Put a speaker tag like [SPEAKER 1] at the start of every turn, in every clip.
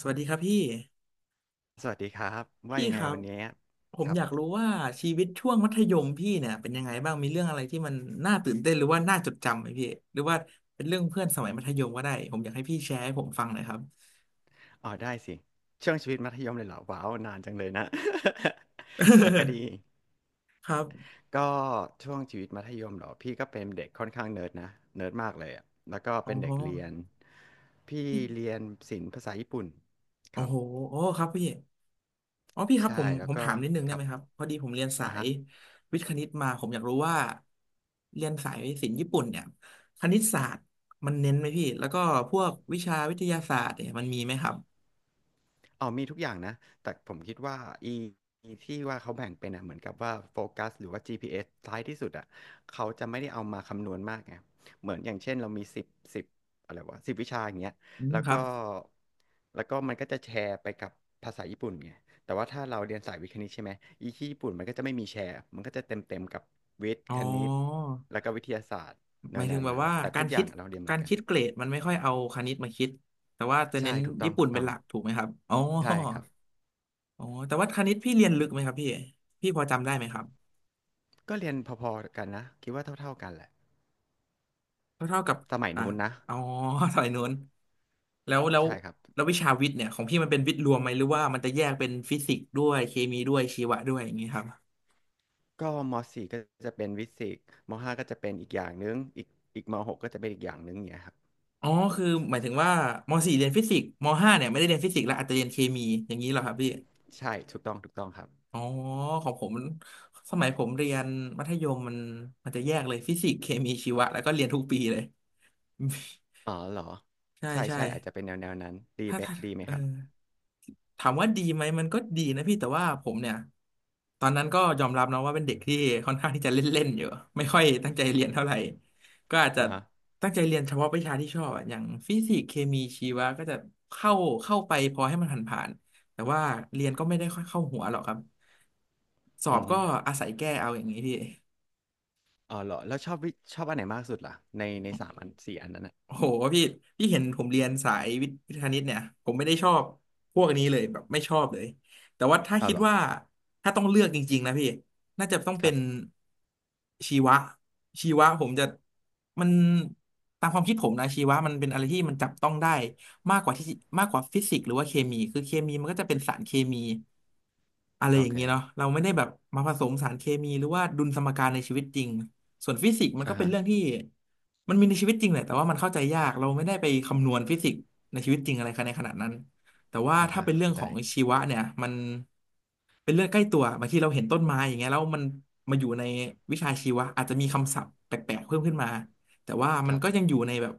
[SPEAKER 1] สวัสดีครับพี่
[SPEAKER 2] สวัสดีครับว่า
[SPEAKER 1] พี่
[SPEAKER 2] ยัง
[SPEAKER 1] ค
[SPEAKER 2] ไง
[SPEAKER 1] รับ
[SPEAKER 2] วันนี้
[SPEAKER 1] ผ
[SPEAKER 2] ค
[SPEAKER 1] ม
[SPEAKER 2] รั
[SPEAKER 1] อ
[SPEAKER 2] บ
[SPEAKER 1] ยากรู้ว่าชีวิตช่วงมัธยมพี่เนี่ยเป็นยังไงบ้างมีเรื่องอะไรที่มันน่าตื่นเต้นหรือว่าน่าจดจำไหมพี่หรือว่าเป็นเรื่องเพื่อนสมัยมัธยมก็ได้ผมอยากให้พี่แชร์ให้ผมฟังหน่อยครับ
[SPEAKER 2] อ๋อได้สิช่วงชีวิตมัธยมเลยเหรอว้าวนานจังเลยนะ แต่ก็ดี
[SPEAKER 1] ครับ
[SPEAKER 2] ก็ช่วงชีวิตมัธยมเหรอพี่ก็เป็นเด็กค่อนข้างเนิร์ดนะเนิร์ดมากเลยอะแล้วก็
[SPEAKER 1] อ๋อ
[SPEAKER 2] เป็นเด็กเรียนพี่
[SPEAKER 1] พี่
[SPEAKER 2] เรียนศิลป์ภาษาญี่ปุ่นค
[SPEAKER 1] โอ้
[SPEAKER 2] รับ
[SPEAKER 1] โหโอ้ครับพี่อ๋อพี่ครับผ
[SPEAKER 2] ใช่
[SPEAKER 1] ม
[SPEAKER 2] แล้วก็
[SPEAKER 1] ถามนิดนึง
[SPEAKER 2] ค
[SPEAKER 1] ได้
[SPEAKER 2] รั
[SPEAKER 1] ไห
[SPEAKER 2] บ
[SPEAKER 1] มครับพอดีผมเรียนสา
[SPEAKER 2] อ่ะ
[SPEAKER 1] ย
[SPEAKER 2] ฮะ
[SPEAKER 1] วิทย์คณิตมาผมอยากรู้ว่าเรียนสายศิลป์ญี่ปุ่นเนี่ยคณิตศาสตร์มันเน้นไหมพี่แล้วก็พวกวิชาวิทยาศาสตร์เนี่ยมันมีไหมครับ
[SPEAKER 2] อ๋อมีทุกอย่างนะแต่ผมคิดว่าอีอีที่ว่าเขาแบ่งเป็นอ่ะเหมือนกับว่าโฟกัสหรือว่า GPS ท้ายที่สุดอ่ะเขาจะไม่ได้เอามาคำนวณมากไงเหมือนอย่างเช่นเรามีสิบอะไรวะสิบวิชาอย่างเงี้ย
[SPEAKER 1] อืม
[SPEAKER 2] แล้ว
[SPEAKER 1] ครั
[SPEAKER 2] ก็
[SPEAKER 1] บ
[SPEAKER 2] แล้วก็มันก็จะแชร์ไปกับภาษาญี่ปุ่นไงแต่ว่าถ้าเราเรียนสายวิทย์คณิตใช่ไหมอีที่ญี่ปุ่นมันก็จะไม่มีแชร์มันก็จะเต็มกับวิทย์
[SPEAKER 1] อ๋
[SPEAKER 2] คณิต
[SPEAKER 1] อ
[SPEAKER 2] แล้วก็วิทยาศาสตร์แน
[SPEAKER 1] หมา
[SPEAKER 2] ว
[SPEAKER 1] ย
[SPEAKER 2] แน
[SPEAKER 1] ถึง
[SPEAKER 2] ว
[SPEAKER 1] แบบ
[SPEAKER 2] นั้น
[SPEAKER 1] ว่า
[SPEAKER 2] แต่
[SPEAKER 1] กา
[SPEAKER 2] ทุ
[SPEAKER 1] ร
[SPEAKER 2] กอ
[SPEAKER 1] คิ
[SPEAKER 2] ย่า
[SPEAKER 1] ด
[SPEAKER 2] งเราเรียนเหมื
[SPEAKER 1] กา
[SPEAKER 2] อน
[SPEAKER 1] ร
[SPEAKER 2] กัน
[SPEAKER 1] คิดเกรดมันไม่ค่อยเอาคณิตมาคิด แต่ว่าจะเน้
[SPEAKER 2] ใช่
[SPEAKER 1] น
[SPEAKER 2] ถูกต้อ
[SPEAKER 1] ญี่
[SPEAKER 2] ง
[SPEAKER 1] ปุ่
[SPEAKER 2] ถู
[SPEAKER 1] น
[SPEAKER 2] ก
[SPEAKER 1] เป็
[SPEAKER 2] ต้
[SPEAKER 1] น
[SPEAKER 2] อง
[SPEAKER 1] หลักถูกไหมครับอ๋อ
[SPEAKER 2] ใช่ครับ
[SPEAKER 1] อ๋อแต่ว่าคณิตพี่เรียนลึกไหมครับพี่พี่พอจำได้ไหมครับ
[SPEAKER 2] ก็เรียนพอๆกันนะคิดว่าเท่าๆกันแหละ
[SPEAKER 1] ก็เท่ากับ
[SPEAKER 2] สมัย
[SPEAKER 1] อ่า
[SPEAKER 2] นู้นนะ
[SPEAKER 1] อ๋อ สายนู้นแล้วแล้ว
[SPEAKER 2] ใช่ครับ
[SPEAKER 1] แล้ววิชาวิทย์เนี่ยของพี่มันเป็นวิทย์รวมไหมหรือว่ามันจะแยกเป็นฟิสิกส์ด้วยเคมีด้วยชีวะด้วยอย่างนี้ครับ
[SPEAKER 2] ก็มสี่ก็จะเป็นวิสิกส์มห้าก็จะเป็นอีกอย่างนึงอีกมหกก็จะเป็นอีกอย่างนึงอย่างเงี้ยครับ
[SPEAKER 1] อ๋อคือหมายถึงว่าม .4 เรียนฟิสิกส์ม .5 เนี่ยไม่ได้เรียนฟิสิกส์แล้วอาจจะเรียนเคมีอย่างนี้เหรอครับพี่
[SPEAKER 2] ใช่ถูกต้องครับ
[SPEAKER 1] อ๋อ ของผมมันสมัยผมเรียนมัธยมมันมันจะแยกเลยฟิสิกส์เคมีชีวะแล้วก็เรียนทุกปีเลย
[SPEAKER 2] อ๋อเหรอ
[SPEAKER 1] ใช่
[SPEAKER 2] ใช่
[SPEAKER 1] ใช่
[SPEAKER 2] ใช่อาจจะเป็นแนวนั้นดี
[SPEAKER 1] ถ้า
[SPEAKER 2] ไหม
[SPEAKER 1] ถ้า
[SPEAKER 2] ดีไหม
[SPEAKER 1] เออ
[SPEAKER 2] ครับ
[SPEAKER 1] ถามว่าดีไหมมันก็ดีนะพี่แต่ว่าผมเนี่ยตอนนั้นก็ยอมรับนะว่าเป็นเด็กที่ค่อนข้างที่จะเล่นๆอยู่ไม่ค่อยตั้งใจเรียนเท่าไหร่ก็อาจจะ
[SPEAKER 2] อ่าฮะ
[SPEAKER 1] ตั้งใจเรียนเฉพาะวิชาที่ชอบอะอย่างฟิสิกส์เคมีชีวะก็จะเข้าเข้าไปพอให้มันผ่านๆแต่ว่าเรียนก็ไม่ได้ค่อยเข้าหัวหรอกครับสอบ
[SPEAKER 2] อือฮึ
[SPEAKER 1] ก็อาศัยแก้เอาอย่างนี้พี่
[SPEAKER 2] อ๋อเหรอแล้วชอบวิชอบอันไหนมากสุดล่ะในสามอันสี่อันนั้นอ่ะ
[SPEAKER 1] โอ้โหพี่พี่เห็นผมเรียนสายวิทย์วิทย์คณิตเนี่ยผมไม่ได้ชอบพวกนี้เลยแบบไม่ชอบเลยแต่ว่าถ้า
[SPEAKER 2] อ๋อ
[SPEAKER 1] คิด
[SPEAKER 2] เหรอ
[SPEAKER 1] ว่าถ้าต้องเลือกจริงๆนะพี่น่าจะต้อง
[SPEAKER 2] ค
[SPEAKER 1] เป็
[SPEAKER 2] รั
[SPEAKER 1] น
[SPEAKER 2] บ
[SPEAKER 1] ชีวะชีวะผมจะมันตามความคิดผมนะชีวะมันเป็นอะไรที่มันจับต้องได้มากกว่าที่มากกว่าฟิสิกส์หรือว่าเคมีคือเคมีมันก็จะเป็นสารเคมีอะไร
[SPEAKER 2] โอ
[SPEAKER 1] อย่าง
[SPEAKER 2] เค
[SPEAKER 1] เงี้ยเนาะเราไม่ได้แบบมาผสมสารเคมีหรือว่าดุลสมการในชีวิตจริง ส่วนฟิสิกส์มัน
[SPEAKER 2] อ่า
[SPEAKER 1] ก็เป็น
[SPEAKER 2] ฮะ
[SPEAKER 1] เรื่องที่มันมีในชีวิตจริงแหละแต่ว่ามันเข้าใจยากเราไม่ได้ไปคำนวณฟิสิกส์ในชีวิตจริงอะไรในขนาดนั้นแต่ว่า
[SPEAKER 2] อ่า
[SPEAKER 1] ถ้า
[SPEAKER 2] ค่ะ
[SPEAKER 1] เป็นเรื่อง
[SPEAKER 2] เข้าใจ
[SPEAKER 1] ของชีวะเนี่ยมันเป็นเรื่องใกล้ตัวบางทีเราเห็นต้นไม้อย่างเงี้ยแล้วมันมาอยู่ในวิชาชีวะอาจจะมีคำศัพท์แปลกๆเพิ่มขึ้นมาแต่ว่า
[SPEAKER 2] ค
[SPEAKER 1] มัน
[SPEAKER 2] รับ
[SPEAKER 1] ก็ยังอยู่ในแบบ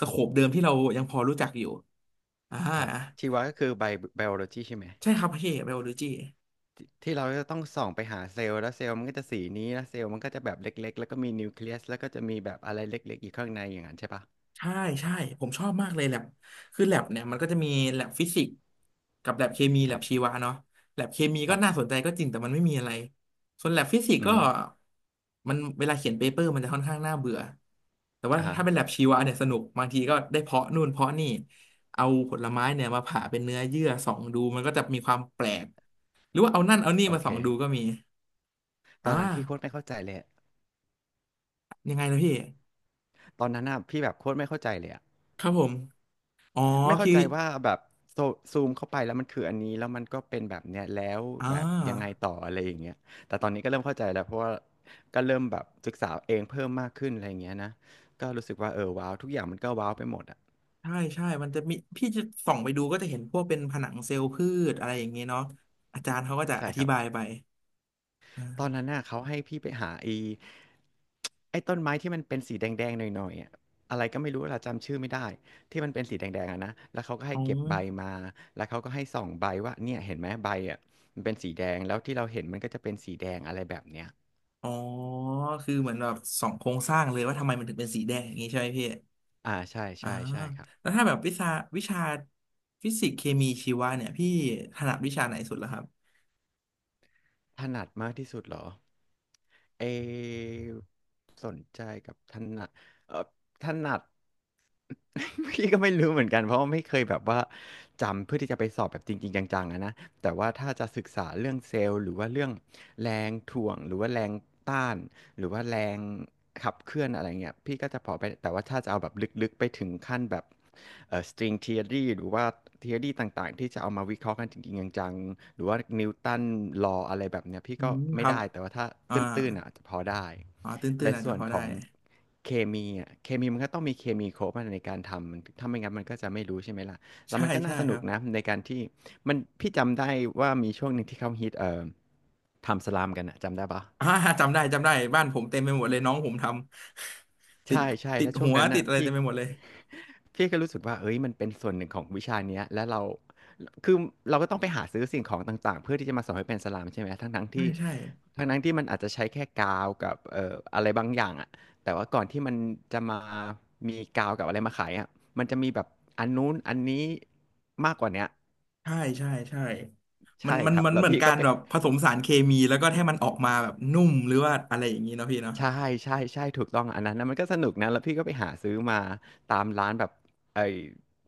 [SPEAKER 1] สโคปเดิมที่เรายังพอรู้จักอยู่อ่า
[SPEAKER 2] ครับชีวะก็คือไบโอโลจีใช่ไหม
[SPEAKER 1] ใช่ครับพี่เบลโลจี
[SPEAKER 2] ที่เราจะต้องส่องไปหาเซลล์แล้วเซลล์มันก็จะสีนี้แล้วเซลล์มันก็จะแบบเล็กๆแล้วก็มีนิวเคลียสแล้วก็จะมีแบบอะไรเล็กๆอยู่ข้างในอย่างนั้นใช่ปะ
[SPEAKER 1] ใช่ใช่ผมชอบมากเลยแลบคือแลบเนี่ยมันก็จะมีแลบฟิสิกส์กับแลบเคมี
[SPEAKER 2] ค
[SPEAKER 1] แล
[SPEAKER 2] รั
[SPEAKER 1] บ
[SPEAKER 2] บ
[SPEAKER 1] ชีวะเนาะแลบเคมี
[SPEAKER 2] ค
[SPEAKER 1] ก็
[SPEAKER 2] รั
[SPEAKER 1] น่าส
[SPEAKER 2] บ
[SPEAKER 1] นใจก็จริงแต่มันไม่มีอะไรส่วนแลบฟิสิกส์
[SPEAKER 2] อือ
[SPEAKER 1] ก็
[SPEAKER 2] ฮึ
[SPEAKER 1] มันเวลาเขียนเปเปอร์มันจะค่อนข้างน่าเบื่อแต่ว่า
[SPEAKER 2] อ่าฮะ
[SPEAKER 1] ถ้าเป็นแลบชีวะเนี่ยสนุกบางทีก็ได้เพาะนู่นเพาะนี่เอาผลไม้เนี่ยมาผ่าเป็นเนื้อเยื่อส่องดูมันก็จะมีความแปลกหรือว่าเอานั่นเอานี่
[SPEAKER 2] โอ
[SPEAKER 1] มา
[SPEAKER 2] เค
[SPEAKER 1] ส่องดูก็มี
[SPEAKER 2] ตอ
[SPEAKER 1] อ่า
[SPEAKER 2] นนั้นพี่โคตรไม่เข้าใจเลยอะ
[SPEAKER 1] ยังไงนะพี่
[SPEAKER 2] ตอนนั้นอ่ะพี่แบบโคตรไม่เข้าใจเลยอะ
[SPEAKER 1] ครับผมอ๋อ
[SPEAKER 2] ไม่เข้า
[SPEAKER 1] พี่
[SPEAKER 2] ใจว่าแบบโซซูมเข้าไปแล้วมันคืออันนี้แล้วมันก็เป็นแบบเนี้ยแล้ว
[SPEAKER 1] อ่
[SPEAKER 2] แบบยังไง
[SPEAKER 1] า
[SPEAKER 2] ต่ออะไรอย่างเงี้ยแต่ตอนนี้ก็เริ่มเข้าใจแล้วเพราะว่าก็เริ่มแบบศึกษาเองเพิ่มมากขึ้นอะไรอย่างเงี้ยนะก็รู้สึกว่าเออว้าวทุกอย่างมันก็ว้าวไปหมดอ่ะ
[SPEAKER 1] ใช่ใช่มันจะมีพี่จะส่องไปดูก็จะเห็นพวกเป็นผนังเซลล์พืชอะไรอย่างเงี้ยเนาะอาจารย์เขาก็จะ
[SPEAKER 2] ใช่
[SPEAKER 1] อ
[SPEAKER 2] ค
[SPEAKER 1] ธิ
[SPEAKER 2] รับ
[SPEAKER 1] บายไปอ่า
[SPEAKER 2] ตอนนั้นน่ะเขาให้พี่ไปหาไอ้ ไอ้ต้นไม้ที่มันเป็นสีแดงๆหน่อยๆอะอะไรก็ไม่รู้เราจำชื่อไม่ได้ที่มันเป็นสีแดงๆอะนะแล้วเขาก็ให้
[SPEAKER 1] อ๋อ
[SPEAKER 2] เก็บใบมาแล้วเขาก็ให้ส่องใบว่าเนี่ยเห็นไหมใบอ่ะมันเป็นสีแดงแล้วที่เราเห็นมันก็จะเป็นสีแดงอะไรแบบเนี้ย
[SPEAKER 1] อ๋อ คือเหมือนแบบส่องโครงสร้างเลยว่าทำไมมันถึงเป็นสีแดงอย่างงี้ใช่ไหมพี่
[SPEAKER 2] อ่าใช่
[SPEAKER 1] อ่า
[SPEAKER 2] ใช่ใช่ครับ
[SPEAKER 1] แล้วถ้าแบบวิชาวิชาฟิสิกส์เคมีชีวะเนี่ยพี่ถนัดวิชาไหนสุดล่ะครับ
[SPEAKER 2] ถนัดมากที่สุดเหรอเออสนใจกับถนัดเออถนัด พี่ก็ไม่รู้เหมือนกันเพราะว่าไม่เคยแบบว่าจำเพื่อที่จะไปสอบแบบจริงๆจังๆอะนะแต่ว่าถ้าจะศึกษาเรื่องเซลล์หรือว่าเรื่องแรงถ่วงหรือว่าแรงต้าน หรือว่าแรงขับเคลื่อนอะไรเงี้ยพี่ก็จะพอไปแต่ว่าถ้าจะเอาแบบลึกๆไปถึงขั้นแบบstring theory หรือว่า theory ต่างๆที่จะเอามาวิเคราะห์กันจริงๆจังๆหรือว่านิวตัน law อะไรแบบเนี้ยพี่
[SPEAKER 1] อื
[SPEAKER 2] ก็
[SPEAKER 1] มค
[SPEAKER 2] ไม่
[SPEAKER 1] รับ
[SPEAKER 2] ได้แต่ว่าถ้าต
[SPEAKER 1] อ่า
[SPEAKER 2] ื้นๆอ่ะจะพอได้
[SPEAKER 1] อ๋อตื้
[SPEAKER 2] และ
[SPEAKER 1] นๆอาจจะ
[SPEAKER 2] ส่ว
[SPEAKER 1] พ
[SPEAKER 2] น
[SPEAKER 1] อ
[SPEAKER 2] ข
[SPEAKER 1] ได้
[SPEAKER 2] องเคมีอ่ะเคมีมันก็ต้องมีเคมีครบอะในการทำมันถ้าไม่งั้นมันก็จะไม่รู้ใช่ไหมล่ะแล้ว
[SPEAKER 1] ใช่
[SPEAKER 2] มันก็น่า
[SPEAKER 1] ใช่
[SPEAKER 2] ส
[SPEAKER 1] ค
[SPEAKER 2] นุ
[SPEAKER 1] รั
[SPEAKER 2] ก
[SPEAKER 1] บ
[SPEAKER 2] นะในการที่มันพี่จำได้ว่ามีช่วงหนึ่งที่เขาฮิตทำสลามกันอะจำได้ปะ
[SPEAKER 1] อ่าจำได้จำได้บ้านผมเต็มไปหมดเลยน้องผมทำติด
[SPEAKER 2] ใช่ใช่
[SPEAKER 1] ติด
[SPEAKER 2] แล้วช่
[SPEAKER 1] หั
[SPEAKER 2] วง
[SPEAKER 1] ว
[SPEAKER 2] นั้น
[SPEAKER 1] ติด
[SPEAKER 2] น่ะ
[SPEAKER 1] อะไร
[SPEAKER 2] พี่
[SPEAKER 1] เต็มไปหมดเลย
[SPEAKER 2] พี่ก็รู้สึกว่าเอ้ยมันเป็นส่วนหนึ่งของวิชาเนี้ยแล้วเราคือเราก็ต้องไปหาซื้อสิ่งของต่างๆเพื่อที่จะมาสอนให้เป็นสลามใช่ไหมทั้งทั้ง
[SPEAKER 1] ใช่
[SPEAKER 2] ที่
[SPEAKER 1] ใช่
[SPEAKER 2] ทั้งทั้งที่มันอาจจะใช้แค่กาวกับอะไรบางอย่างอะแต่ว่าก่อนที่มันจะมามีกาวกับอะไรมาขายอะมันจะมีแบบอันนู้นอันนี้มากกว่าเนี้ย
[SPEAKER 1] ใช่ใช่ใช่มั
[SPEAKER 2] ใช่
[SPEAKER 1] นมัน
[SPEAKER 2] ครับ
[SPEAKER 1] มัน
[SPEAKER 2] แล้ว
[SPEAKER 1] เหมือน
[SPEAKER 2] พี่
[SPEAKER 1] กา
[SPEAKER 2] ก็
[SPEAKER 1] ร
[SPEAKER 2] ไป
[SPEAKER 1] แบบผสมสารเคมีแล้วก็ให้มันออกมาแบบนุ่มหรือว่าอะไรอย่างนี้เนาะพี่เนาะ
[SPEAKER 2] ใช่ถูกต้องอันนั้นนะมันก็สนุกนะแล้วพี่ก็ไปหาซื้อมาตามร้านแบบไอ้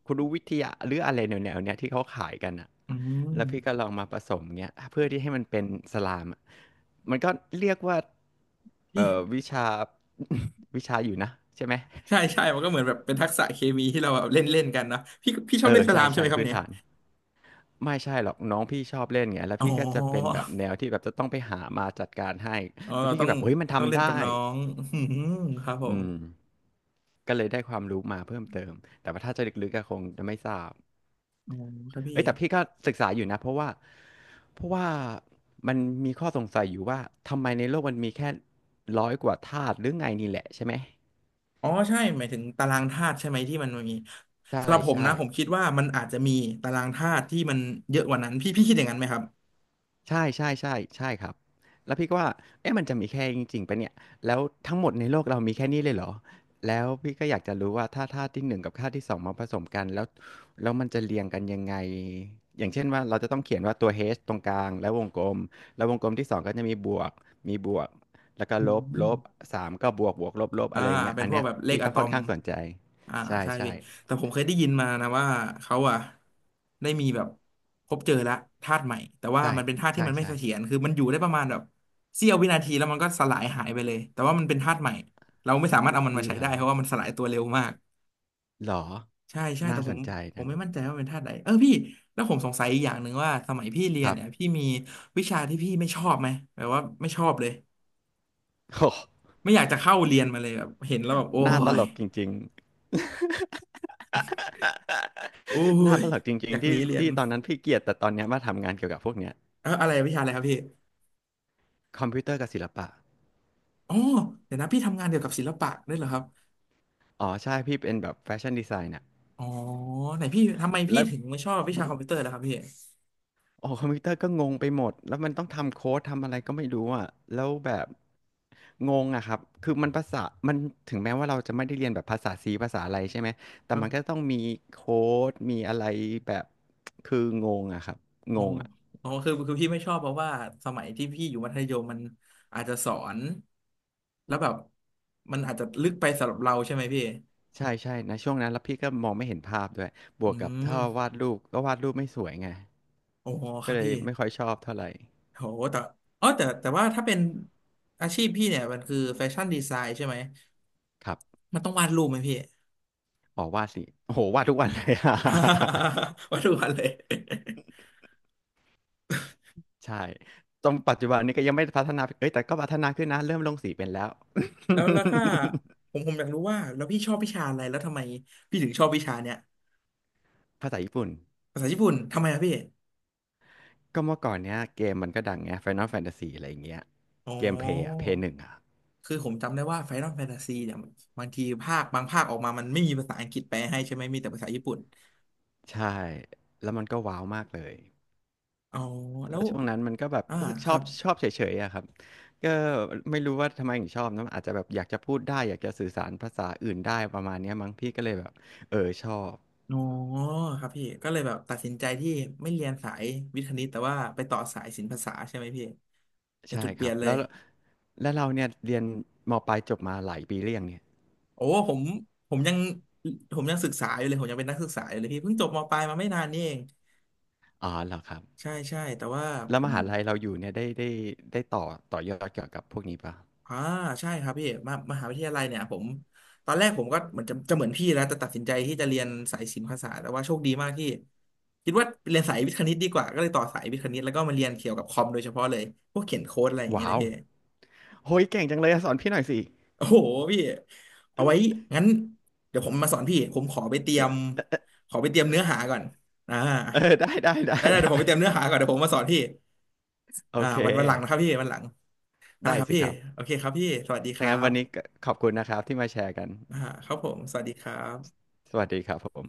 [SPEAKER 2] คุรุวิทยาหรืออะไรแนวๆเนี้ยที่เขาขายกันอ่ะ
[SPEAKER 1] อืม
[SPEAKER 2] แล้วพี่ก็ลองมาผสมเงี้ยเพื่อที่ให้มันเป็นสลามอะมันก็เรียกว่า
[SPEAKER 1] พี่
[SPEAKER 2] วิชา วิชาอยู่นะใช่ไหม
[SPEAKER 1] ใช่ใช่มันก็เหมือนแบบเป็นทักษะเคมีที่เราแบบเล่นเล่นกันเนาะพี่พี่ชอ
[SPEAKER 2] เอ
[SPEAKER 1] บเล่
[SPEAKER 2] อ
[SPEAKER 1] นส
[SPEAKER 2] ใช่
[SPEAKER 1] ลามใช่ไห
[SPEAKER 2] ใช่
[SPEAKER 1] มครับ
[SPEAKER 2] พื้น
[SPEAKER 1] เนี่ย
[SPEAKER 2] ฐานไม่ใช่หรอกน้องพี่ชอบเล่นไงแล้ว
[SPEAKER 1] อ๋
[SPEAKER 2] พี่ก็จะเป็น
[SPEAKER 1] อ
[SPEAKER 2] แบบแนวที่แบบจะต้องไปหามาจัดการให้
[SPEAKER 1] อ๋อ
[SPEAKER 2] แล้วพี่
[SPEAKER 1] ต้อ
[SPEAKER 2] ก็
[SPEAKER 1] ง
[SPEAKER 2] แบบเฮ้ยมัน
[SPEAKER 1] ต้องเล่
[SPEAKER 2] ทำ
[SPEAKER 1] นกับ
[SPEAKER 2] ได้
[SPEAKER 1] น้องอืมครับผ
[SPEAKER 2] อื
[SPEAKER 1] ม
[SPEAKER 2] ม ก็เลยได้ความรู้มาเพิ่มเติม แต่ว่าถ้าจะลึกๆก็คงจะไม่ทราบ
[SPEAKER 1] อ๋อครับพี่
[SPEAKER 2] เอ้ยแต่พี่ก็ศึกษาอยู่นะเพราะว่ามันมีข้อสงสัยอยู่ว่า ทำไมในโลกมันมีแค่ร้อยกว่าธาตุหรือไงนี่แหละใช่ไหม
[SPEAKER 1] อ๋อใช่หมายถึงตารางธาตุใช่ไหมที่มันมี
[SPEAKER 2] ใช่
[SPEAKER 1] สำหรับผม
[SPEAKER 2] ใช่
[SPEAKER 1] นะผมคิดว่ามันอาจจะมีตารางธาตุที่มันเยอะกว่านั้นพี่พี่คิดอย่างนั้นไหมครับ
[SPEAKER 2] ใช่ใช่ใช่ใช่ครับแล้วพี่ก็ว่าเอ๊ะมันจะมีแค่นี้จริงๆปะเนี่ยแล้วทั้งหมดในโลกเรามีแค่นี้เลยเหรอแล้วพี่ก็อยากจะรู้ว่าถ้าธาตุที่หนึ่งกับธาตุที่สองมาผสมกันแล้วแล้วมันจะเรียงกันยังไงอย่างเช่นว่าเราจะต้องเขียนว่าตัว h ตรงกลางแล้ววงกลมแล้ววงกลมที่สองก็จะมีบวกแล้วก็
[SPEAKER 1] อื
[SPEAKER 2] ลบลบ
[SPEAKER 1] ม
[SPEAKER 2] สามก็บวกบวกลบลบ
[SPEAKER 1] อ่า
[SPEAKER 2] อะไรอย่างเงี้ย
[SPEAKER 1] เป็น
[SPEAKER 2] อัน
[SPEAKER 1] พวก
[SPEAKER 2] เนี้ย
[SPEAKER 1] แบบเลข
[SPEAKER 2] พี่
[SPEAKER 1] อะ
[SPEAKER 2] ก็
[SPEAKER 1] ต
[SPEAKER 2] ค่
[SPEAKER 1] อ
[SPEAKER 2] อน
[SPEAKER 1] ม
[SPEAKER 2] ข้างสนใจ
[SPEAKER 1] อ่า
[SPEAKER 2] ใช่
[SPEAKER 1] ใช่
[SPEAKER 2] ใช่
[SPEAKER 1] พี่แต่ผมเคยได้ยินมานะว่าเขาอ่ะได้มีแบบพบเจอละธาตุใหม่แต่ว่า
[SPEAKER 2] ใช่
[SPEAKER 1] มันเป็นธาตุที่
[SPEAKER 2] ใช่
[SPEAKER 1] มันไม่
[SPEAKER 2] ใช่
[SPEAKER 1] เสถียรคือมันอยู่ได้ประมาณแบบเสี้ยววินาทีแล้วมันก็สลายหายไปเลยแต่ว่ามันเป็นธาตุใหม่เราไม่สามารถเอามันมาใช้
[SPEAKER 2] เหร
[SPEAKER 1] ได้
[SPEAKER 2] อ
[SPEAKER 1] เพราะว่ามันสลายตัวเร็วมาก
[SPEAKER 2] เหรอ
[SPEAKER 1] ใช่ใช่แต่
[SPEAKER 2] น่าส
[SPEAKER 1] ผ
[SPEAKER 2] น
[SPEAKER 1] ม
[SPEAKER 2] ใจ
[SPEAKER 1] ผ
[SPEAKER 2] จั
[SPEAKER 1] ม
[SPEAKER 2] ง
[SPEAKER 1] ไม่มั่นใจว่าเป็นธาตุใดเออพี่แล้วผมสงสัยอีกอย่างหนึ่งว่าสมัยพี่เรี
[SPEAKER 2] ค
[SPEAKER 1] ยน
[SPEAKER 2] รั
[SPEAKER 1] เนี่ยพี่
[SPEAKER 2] บ
[SPEAKER 1] มีวิชาที่พี่ไม่ชอบไหมแบบว่าไม่ชอบเลย
[SPEAKER 2] โอ้
[SPEAKER 1] ไม่อยากจะเข้าเรียนมาเลยแบบเห็นแล้วแบบโอ้
[SPEAKER 2] หน้าตล
[SPEAKER 1] ย
[SPEAKER 2] กจริงๆ
[SPEAKER 1] โอ้
[SPEAKER 2] หน้า
[SPEAKER 1] ย
[SPEAKER 2] ตลกจริ
[SPEAKER 1] อ
[SPEAKER 2] ง
[SPEAKER 1] ยาก
[SPEAKER 2] ๆ
[SPEAKER 1] ห
[SPEAKER 2] ที่
[SPEAKER 1] นีเรียน
[SPEAKER 2] ที่ตอนนั้นพี่เกลียดแต่ตอนเนี้ยมาทำงานเกี่ยวกับพวกเนี้ย
[SPEAKER 1] เอออะไรวิชาอะไรครับพี่
[SPEAKER 2] คอมพิวเตอร์กับศิลปะ
[SPEAKER 1] อ๋อเดี๋ยวนะพี่ทำงานเกี่ยวกับศิลปะด้วยเหรอครับ
[SPEAKER 2] อ๋อใช่พี่เป็นแบบแฟชั่นดีไซน์น่ะ
[SPEAKER 1] อ๋อไหนพี่ทำไมพี่
[SPEAKER 2] แล้ว
[SPEAKER 1] ถึงไม่ชอบวิชาคอมพิวเตอร์ล่ะครับพี่
[SPEAKER 2] โอ้คอมพิวเตอร์ก็งงไปหมดแล้วมันต้องทำโค้ดทำอะไรก็ไม่รู้อ่ะแล้วแบบงงอะครับคือมันภาษามันถึงแม้ว่าเราจะไม่ได้เรียนแบบภาษาซีภาษาอะไรใช่ไหมแต่
[SPEAKER 1] ครั
[SPEAKER 2] มั
[SPEAKER 1] บ
[SPEAKER 2] นก็ต้องมีโค้ดมีอะไรแบบคืองงอะครับ
[SPEAKER 1] อ๋
[SPEAKER 2] ง
[SPEAKER 1] อ
[SPEAKER 2] งอะ
[SPEAKER 1] อ๋อคือพี่ไม่ชอบเพราะว่าสมัยที่พี่อยู่มัธยมมันอาจจะสอนแล้วแบบมันอาจจะลึกไปสำหรับเราใช่ไหมพี่
[SPEAKER 2] ใช่ใช่นะช่วงนั้นแล้วพี่ก็มองไม่เห็นภาพด้วยบว
[SPEAKER 1] อื
[SPEAKER 2] กกับ
[SPEAKER 1] ม
[SPEAKER 2] ถ้าวาดรูปก็วาดรูปไม่สวยไง
[SPEAKER 1] โอ้ค
[SPEAKER 2] ก็
[SPEAKER 1] รับ
[SPEAKER 2] เลย
[SPEAKER 1] พี่
[SPEAKER 2] ไม่ค่อยชอบเท่าไหร่
[SPEAKER 1] โหแต่อ๋อแต่ว่าถ้าเป็นอาชีพพี่เนี่ยมันคือแฟชั่นดีไซน์ใช่ไหม
[SPEAKER 2] ครับ
[SPEAKER 1] มันต้องวาดรูปไหมพี่
[SPEAKER 2] อ๋อวาดสิโอ้โหวาดทุกวันเลย
[SPEAKER 1] วัดทุกวันเลย
[SPEAKER 2] ใช่ตรงปัจจุบันนี้ก็ยังไม่ได้พัฒนาเอ้ยแต่ก็พัฒนาขึ้นนะเริ่มลงสีเป็นแล้ว
[SPEAKER 1] แล้วแล้วถ้าผมอยากรู้ว่าแล้วพี่ชอบวิชาอะไรแล้วทำไมพี่ถึงชอบวิชาเนี้ย
[SPEAKER 2] ภาษาญี่ปุ่น
[SPEAKER 1] ภาษาญี่ปุ่นทำไมอะพี่
[SPEAKER 2] ก็เมื่อก่อนเนี้ยเกมมันก็ดังไง Final Fantasy อะไรอย่างเงี้ย
[SPEAKER 1] อ๋อ
[SPEAKER 2] เกมเพย์อะเพย์หนึ่งอะ
[SPEAKER 1] คือผมจำได้ว่า Final Fantasy เนี่ยบางทีภาคบางภาคออกมามันไม่มีภาษาอังกฤษแปลให้ใช่ไหมมีแต่ภาษาญี่ปุ่น
[SPEAKER 2] ใช่แล้วมันก็ว้าวมากเลย
[SPEAKER 1] อ๋อแล้
[SPEAKER 2] แล้
[SPEAKER 1] ว
[SPEAKER 2] วช่วงนั้นมันก็แบบ
[SPEAKER 1] อ่า
[SPEAKER 2] รู้สึก
[SPEAKER 1] ค
[SPEAKER 2] ชอ
[SPEAKER 1] รั
[SPEAKER 2] บ
[SPEAKER 1] บ
[SPEAKER 2] ชอบเฉยๆอะครับก็ไม่รู้ว่าทำไมถึงชอบนะอาจจะแบบอยากจะพูดได้อยากจะสื่อสารภาษาอื่นได้ประมาณเนี้ยมั้งพี่ก็เลยแบบเออชอบ
[SPEAKER 1] อ๋อครับพี่ก็เลยแบบตัดสินใจที่ไม่เรียนสายวิทย์คณิตแต่ว่าไปต่อสายศิลปภาษาใช่ไหมพี่เป็น
[SPEAKER 2] ใช่
[SPEAKER 1] จุดเป
[SPEAKER 2] ค
[SPEAKER 1] ลี่
[SPEAKER 2] รั
[SPEAKER 1] ย
[SPEAKER 2] บ
[SPEAKER 1] นเล
[SPEAKER 2] แล้
[SPEAKER 1] ย
[SPEAKER 2] วแล้วเราเนี่ยเรียนมปลายจบมาหลายปีเรียงเนี่ย
[SPEAKER 1] โอ้ผมผมยังผมยังศึกษาอยู่เลยผมยังเป็นนักศึกษาอยู่เลยพี่เพิ่งจบมปลายมาไม่นานนี่เอง
[SPEAKER 2] อ๋อเหรอครับ
[SPEAKER 1] ใช่ใช่แต่ว่าผ
[SPEAKER 2] แล้วม
[SPEAKER 1] ม
[SPEAKER 2] หาลัยเราอยู่เนี่ยได้ต่อยอดเกี่ยวกับพวกนี้ปะ
[SPEAKER 1] อ่าใช่ครับพี่มามหาวิทยาลัยเนี่ยผมตอนแรกผมก็เหมือนจะเหมือนพี่แล้วแต่ตัดสินใจที่จะเรียนสายศิลปภาษาสตร์แต่ว่าโชคดีมากที่คิดว่าเรียนสายวิทย์คณิตดีกว่าก็เลยต่อสายวิทย์คณิตแล้วก็มาเรียนเกี่ยวกับคอมโดยเฉพาะเลยพวกเขียนโค้ดอะไรอย่างเงี้ย
[SPEAKER 2] ว้า
[SPEAKER 1] นะ
[SPEAKER 2] ว
[SPEAKER 1] พี่
[SPEAKER 2] โหยเก่งจังเลยอะสอนพี่หน่อยสิ
[SPEAKER 1] โอ้โหพี่เอาไว้งั้นเดี๋ยวผมมาสอนพี่ผมขอไปเตรียม
[SPEAKER 2] เออ
[SPEAKER 1] ขอไปเตรียมเนื้อหาก่อนอ่า
[SPEAKER 2] เออได้ได้ได้
[SPEAKER 1] ได้ได้เดี๋ยว
[SPEAKER 2] ได้
[SPEAKER 1] ผมไปเตรียมเนื้อหาก่อนเดี๋ยวผมมาสอนพี่
[SPEAKER 2] โอ
[SPEAKER 1] อ่า
[SPEAKER 2] เค
[SPEAKER 1] วันวันหลังนะครับพี่วันหลังได้
[SPEAKER 2] ได้
[SPEAKER 1] ครับ
[SPEAKER 2] สิ
[SPEAKER 1] พี่
[SPEAKER 2] ครับ
[SPEAKER 1] โอเคครับพี่สวัสดีค
[SPEAKER 2] ถ้า
[SPEAKER 1] รั
[SPEAKER 2] งั้นวันนี้
[SPEAKER 1] บ
[SPEAKER 2] ก็ขอบคุณนะครับที่มาแชร์กัน
[SPEAKER 1] อ่าครับผมสวัสดีครับ
[SPEAKER 2] สวัสดีครับผม